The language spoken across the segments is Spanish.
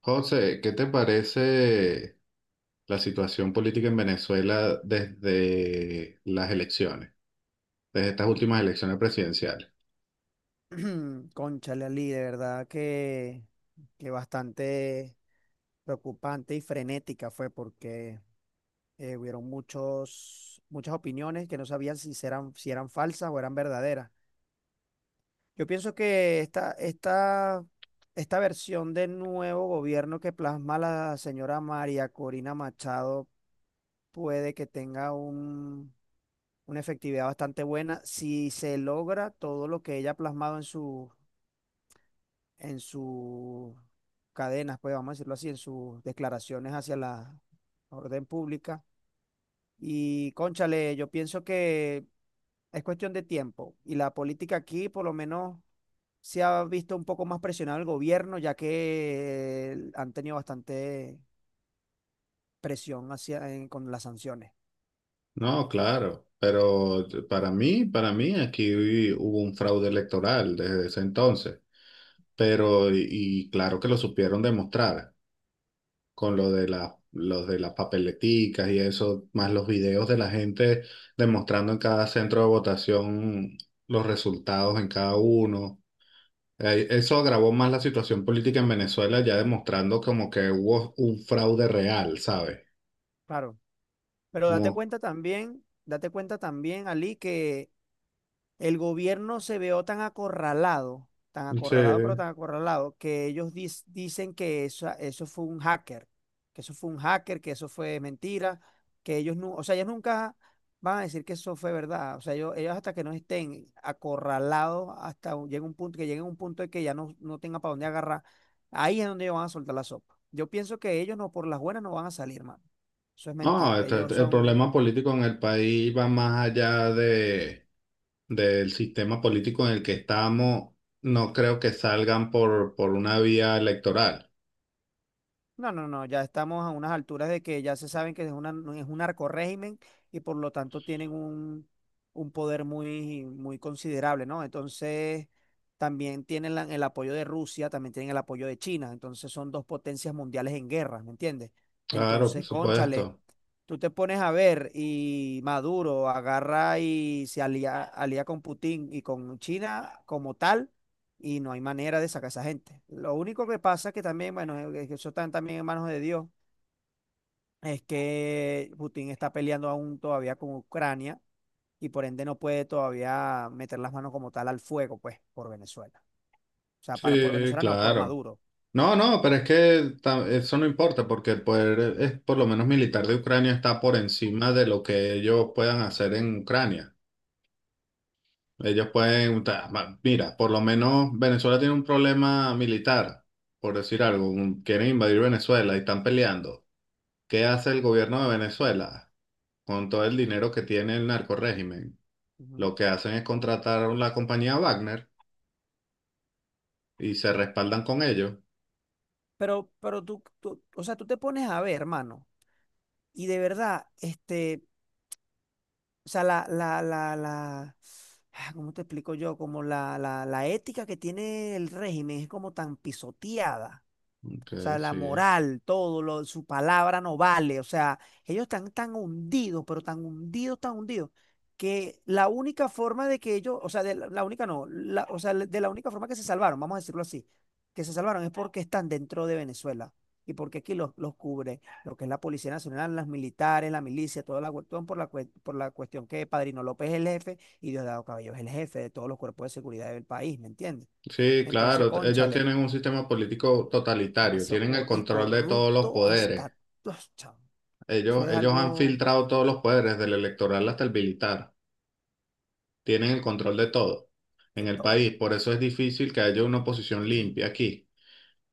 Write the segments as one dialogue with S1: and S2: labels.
S1: José, ¿qué te parece la situación política en Venezuela desde las elecciones, desde estas últimas elecciones presidenciales?
S2: Cónchale, Ali, de verdad que bastante preocupante y frenética fue porque hubieron muchas opiniones que no sabían si eran falsas o eran verdaderas. Yo pienso que esta versión del nuevo gobierno que plasma la señora María Corina Machado puede que tenga una efectividad bastante buena si se logra todo lo que ella ha plasmado en su en sus cadenas, pues vamos a decirlo así, en sus declaraciones hacia la orden pública. Y cónchale, yo pienso que es cuestión de tiempo. Y la política aquí, por lo menos, se ha visto un poco más presionado el gobierno, ya que han tenido bastante presión hacia, con las sanciones.
S1: No, claro, pero para mí aquí hubo un fraude electoral desde ese entonces, pero y claro que lo supieron demostrar con lo de los de las papeleticas y eso, más los videos de la gente demostrando en cada centro de votación los resultados en cada uno. Eso agravó más la situación política en Venezuela, ya demostrando como que hubo un fraude real, ¿sabes?
S2: Claro. Pero
S1: Como,
S2: date cuenta también, Ali, que el gobierno se vio tan acorralado, pero
S1: sí.
S2: tan acorralado, que ellos dicen que eso fue un hacker, que eso fue un hacker, que eso fue mentira, que ellos no, o sea, ellos nunca van a decir que eso fue verdad. O sea, ellos hasta que no estén acorralados, llega un punto, que lleguen a un punto de que ya no tengan para dónde agarrar, ahí es donde ellos van a soltar la sopa. Yo pienso que ellos no, por las buenas no van a salir, mano. Eso es
S1: No,
S2: mentira. Ellos
S1: el
S2: son...
S1: problema político en el país va más allá del sistema político en el que estamos. No creo que salgan por una vía electoral.
S2: No, no, no, ya estamos a unas alturas de que ya se saben que es una, no, es un narcorrégimen y por lo tanto tienen un poder muy, muy considerable, ¿no? Entonces, también tienen el apoyo de Rusia, también tienen el apoyo de China, entonces son dos potencias mundiales en guerra, ¿me entiendes?
S1: Claro, por
S2: Entonces, cónchale,
S1: supuesto.
S2: tú te pones a ver y Maduro agarra y se alía con Putin y con China como tal, y no hay manera de sacar a esa gente. Lo único que pasa es que también, bueno, que eso está también en manos de Dios, es que Putin está peleando aún todavía con Ucrania y por ende no puede todavía meter las manos como tal al fuego, pues, por Venezuela. O sea, para, por
S1: Sí,
S2: Venezuela no, por
S1: claro.
S2: Maduro.
S1: No, no, pero es que eso no importa porque el poder, es, por lo menos militar de Ucrania, está por encima de lo que ellos puedan hacer en Ucrania. Ellos pueden, mira, por lo menos Venezuela tiene un problema militar, por decir algo, quieren invadir Venezuela y están peleando. ¿Qué hace el gobierno de Venezuela con todo el dinero que tiene el narcorrégimen?
S2: Ujú.
S1: Lo que hacen es contratar a la compañía Wagner y se respaldan con ellos.
S2: Pero, tú, o sea, tú te pones a ver, hermano, y de verdad, este, o sea, la, ah, ¿cómo te explico yo? Como la ética que tiene el régimen es como tan pisoteada.
S1: Ok,
S2: O sea, la
S1: sí.
S2: moral, todo, lo, su palabra no vale. O sea, ellos están tan hundidos, pero tan hundidos, que la única forma de que ellos, o sea, de la, la única no, la- o sea, de la única forma que se salvaron, vamos a decirlo así, que se salvaron es porque están dentro de Venezuela y porque aquí los cubre lo que es la Policía Nacional, las militares, la milicia, toda la cuestión por por la cuestión que Padrino López es el jefe y Diosdado Cabello es el jefe de todos los cuerpos de seguridad del país, ¿me entiendes?
S1: Sí,
S2: Entonces,
S1: claro, ellos
S2: cónchale,
S1: tienen un sistema político totalitario,
S2: demasiado
S1: tienen el control de todos los
S2: corrupto
S1: poderes.
S2: hasta... Uf, chao. Eso
S1: Ellos,
S2: es
S1: ellos han
S2: algo
S1: filtrado todos los poderes, del electoral hasta el militar. Tienen el control de todo en
S2: de
S1: el
S2: todo.
S1: país. Por eso es difícil que haya una oposición limpia aquí.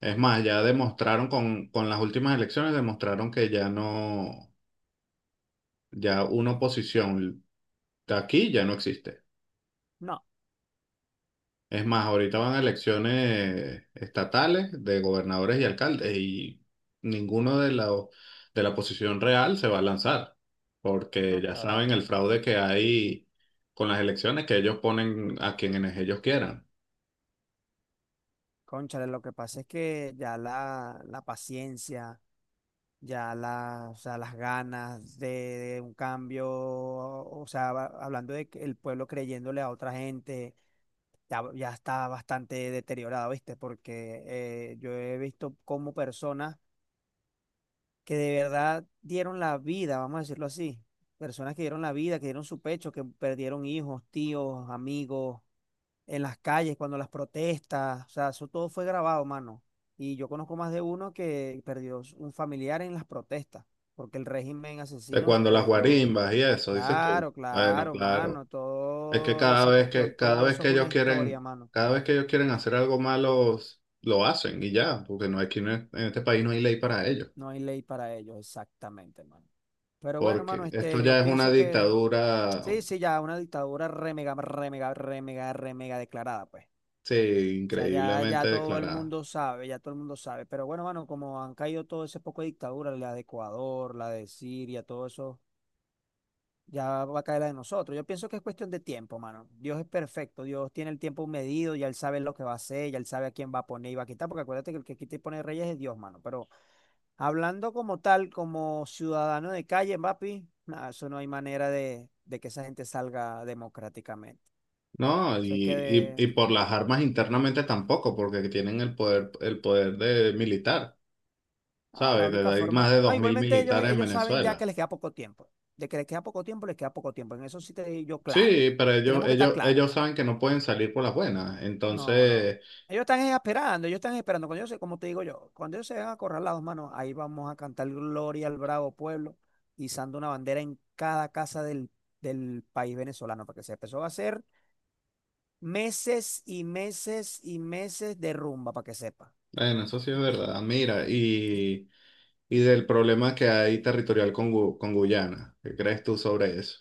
S1: Es más, ya demostraron con las últimas elecciones, demostraron que ya no, ya una oposición de aquí ya no existe.
S2: No,
S1: Es más, ahorita van a elecciones estatales de gobernadores y alcaldes y ninguno de la oposición real se va a lanzar, porque
S2: no,
S1: ya
S2: claro.
S1: saben el fraude que hay con las elecciones, que ellos ponen a quienes ellos quieran.
S2: Cónchale, lo que pasa es que ya la paciencia, ya la, o sea, las ganas de un cambio, o sea, hablando de que el pueblo creyéndole a otra gente, ya está bastante deteriorado, ¿viste? Porque yo he visto como personas que de verdad dieron la vida, vamos a decirlo así. Personas que dieron la vida, que dieron su pecho, que perdieron hijos, tíos, amigos, en las calles, cuando las protestas, o sea, eso todo fue grabado, mano. Y yo conozco más de uno que perdió un familiar en las protestas, porque el régimen
S1: De
S2: asesino,
S1: cuando las
S2: pues lo...
S1: guarimbas y eso, dices tú.
S2: Claro,
S1: Bueno,
S2: claro,
S1: claro.
S2: mano,
S1: Es que
S2: toda
S1: cada
S2: esa
S1: vez
S2: cuestión,
S1: que, cada
S2: todo
S1: vez
S2: eso es
S1: que ellos
S2: una historia,
S1: quieren,
S2: mano.
S1: cada vez que ellos quieren hacer algo malo, s- lo hacen y ya, porque no hay, aquí no es- en este país no hay ley para ello.
S2: No hay ley para ello, exactamente, mano. Pero bueno, mano,
S1: Porque esto
S2: este, yo
S1: ya es una
S2: pienso que...
S1: dictadura.
S2: Sí, sí, ya una dictadura re mega, re mega, re mega, re mega declarada, pues.
S1: Sí,
S2: O sea, ya, ya
S1: increíblemente
S2: todo el
S1: declarada.
S2: mundo sabe, ya todo el mundo sabe. Pero bueno, mano, como han caído todo ese poco de dictaduras, la de Ecuador, la de Siria, todo eso, ya va a caer la de nosotros. Yo pienso que es cuestión de tiempo, mano. Dios es perfecto, Dios tiene el tiempo medido, ya él sabe lo que va a hacer, ya él sabe a quién va a poner y va a quitar, porque acuérdate que el que quita y pone reyes es Dios, mano. Pero hablando como tal, como ciudadano de calle, papi, nada, eso no hay manera de que esa gente salga democráticamente.
S1: No,
S2: Eso hay que...
S1: y por las armas internamente tampoco, porque tienen el poder de militar,
S2: Ah, la
S1: ¿sabes?
S2: única
S1: De- Hay más
S2: forma...
S1: de
S2: No,
S1: 2.000
S2: igualmente ellos,
S1: militares en
S2: ellos saben ya que
S1: Venezuela.
S2: les queda poco tiempo. De que les queda poco tiempo, les queda poco tiempo. En eso sí te digo yo claro.
S1: Sí, pero ellos,
S2: Tenemos que estar
S1: ellos,
S2: claros.
S1: ellos saben que no pueden salir por las buenas.
S2: No, no.
S1: Entonces,
S2: Ellos están esperando, ellos están esperando. Cuando ellos se, como te digo yo, cuando ellos se van a correr las dos manos ahí vamos a cantar Gloria al Bravo Pueblo, izando una bandera en cada casa del país venezolano, para que se empezó a hacer meses y meses y meses de rumba, para que sepa.
S1: bueno, eso sí es verdad. Mira, y del problema que hay territorial con Guyana. ¿Qué crees tú sobre eso?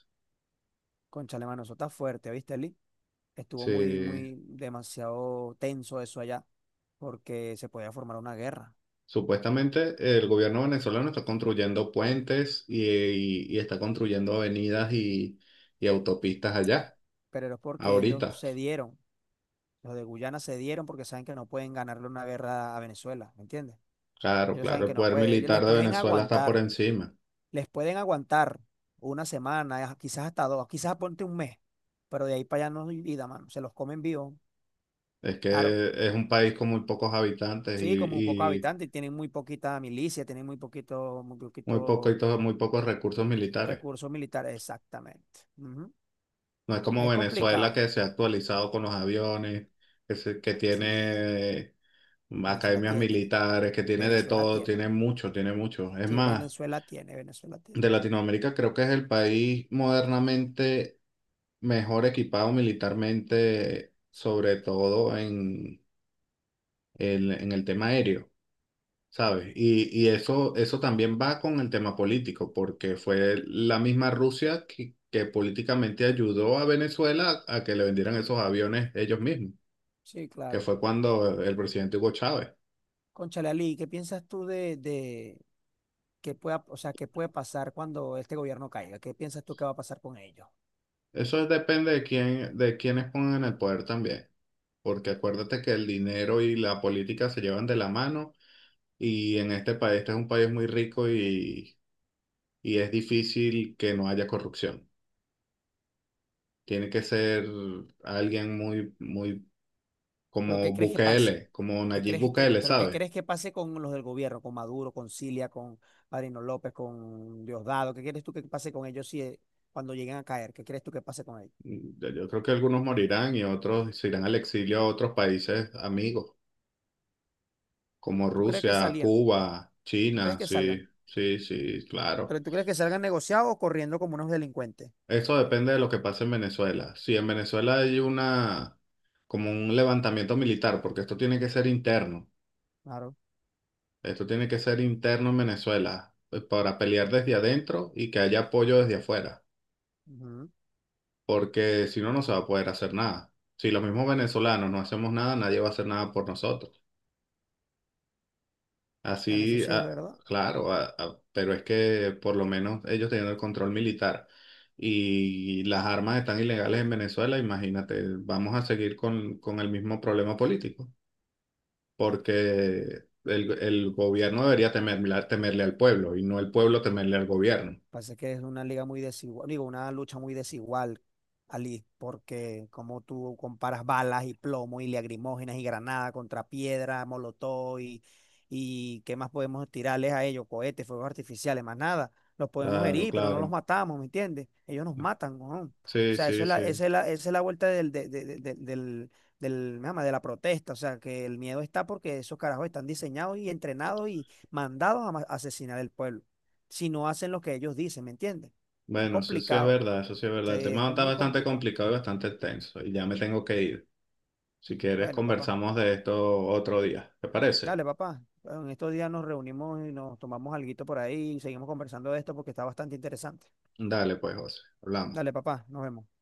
S2: Cónchale, mano, eso está fuerte, ¿viste, Eli? Estuvo muy,
S1: Sí.
S2: muy demasiado tenso eso allá, porque se podía formar una guerra.
S1: Supuestamente el gobierno venezolano está construyendo puentes y está construyendo avenidas y autopistas allá,
S2: Pero es porque ellos
S1: ahorita.
S2: cedieron, los de Guyana cedieron porque saben que no pueden ganarle una guerra a Venezuela, ¿me entiendes?
S1: Claro,
S2: Ellos saben
S1: claro, el
S2: que no
S1: poder
S2: pueden, ellos
S1: militar de Venezuela está por encima.
S2: les pueden aguantar una semana, quizás hasta dos, quizás ponte un mes, pero de ahí para allá no hay vida, mano, se los comen vivos,
S1: Es
S2: claro.
S1: que es un país con muy pocos habitantes y,
S2: Sí, como un poco
S1: y
S2: habitantes, tienen muy poquita milicia, tienen muy
S1: muy poco,
S2: poquito
S1: muy pocos recursos militares.
S2: recursos militares, exactamente. Ujú.
S1: No es como
S2: Es
S1: Venezuela
S2: complicado.
S1: que se ha actualizado con los aviones, que, que
S2: Sí,
S1: tiene
S2: Venezuela
S1: academias
S2: tiene,
S1: militares, que tiene de
S2: Venezuela
S1: todo,
S2: tiene.
S1: tiene mucho, tiene mucho. Es
S2: Sí,
S1: más,
S2: Venezuela tiene, Venezuela tiene.
S1: de Latinoamérica creo que es el país modernamente mejor equipado militarmente, sobre todo en el tema aéreo, ¿sabes? Y eso, eso también va con el tema político, porque fue la misma Rusia que políticamente ayudó a Venezuela a que le vendieran esos aviones ellos mismos,
S2: Sí,
S1: que
S2: claro.
S1: fue cuando el presidente Hugo Chávez.
S2: Cónchale, Ali, ¿qué piensas tú de que pueda, o sea, qué puede pasar cuando este gobierno caiga? ¿Qué piensas tú que va a pasar con ellos?
S1: Eso depende de quiénes pongan en el poder también, porque acuérdate que el dinero y la política se llevan de la mano y en este país, este es un país muy rico y es difícil que no haya corrupción. Tiene que ser alguien muy, muy
S2: ¿Pero qué
S1: como
S2: crees que pase?
S1: Bukele, como
S2: ¿Qué
S1: Nayib
S2: crees
S1: Bukele,
S2: pero qué
S1: ¿sabes?
S2: crees que pase con los del gobierno, con Maduro, con Cilia, con Marino López, con Diosdado? ¿Qué crees tú que pase con ellos si cuando lleguen a caer? ¿Qué crees tú que pase con ellos?
S1: Yo creo que algunos morirán y otros se irán al exilio a otros países amigos, como
S2: ¿Tú crees que
S1: Rusia,
S2: salían?
S1: Cuba,
S2: ¿Tú crees
S1: China,
S2: que
S1: sí,
S2: salgan?
S1: sí, sí, claro.
S2: Pero tú crees que salgan negociados o corriendo como unos delincuentes.
S1: Eso depende de lo que pase en Venezuela. Si en Venezuela hay una, como un levantamiento militar, porque esto tiene que ser interno.
S2: Claro.
S1: Esto tiene que ser interno en Venezuela, para pelear desde adentro y que haya apoyo desde afuera,
S2: Ujú.
S1: porque si no, no se va a poder hacer nada. Si los mismos venezolanos no hacemos nada, nadie va a hacer nada por nosotros.
S2: Bueno, eso
S1: Así,
S2: sí es verdad.
S1: claro, pero es que por lo menos ellos tienen el control militar y las armas están ilegales en Venezuela, imagínate, vamos a seguir con el mismo problema político, porque el gobierno debería temerle, temerle al pueblo y no el pueblo temerle al gobierno.
S2: Pasa que es una liga muy desigual, digo, una lucha muy desigual, Ali, porque como tú comparas balas y plomo y lagrimógenas y granada contra piedra, molotov y qué más podemos tirarles a ellos, cohetes, fuegos artificiales, más nada. Los podemos
S1: Claro,
S2: herir, pero no los
S1: claro,
S2: matamos, ¿me entiendes? Ellos nos matan, ¿no? O
S1: sí,
S2: sea, eso
S1: sí,
S2: es la,
S1: sí.
S2: esa es la, esa es la vuelta del, del, del, me llama, de la protesta. O sea, que el miedo está porque esos carajos están diseñados y entrenados y mandados a asesinar el pueblo si no hacen lo que ellos dicen, ¿me entiendes? Es
S1: Bueno, sí, sí es
S2: complicado,
S1: verdad, eso sí es
S2: sí,
S1: verdad. El
S2: es
S1: tema está
S2: muy
S1: bastante
S2: complicado.
S1: complicado y bastante extenso y ya me tengo que ir. Si quieres,
S2: Bueno, papá,
S1: conversamos de esto otro día, ¿te parece?
S2: dale, papá. En estos días nos reunimos y nos tomamos alguito por ahí y seguimos conversando de esto porque está bastante interesante.
S1: Dale, pues, José, hablamos.
S2: Dale, papá, nos vemos.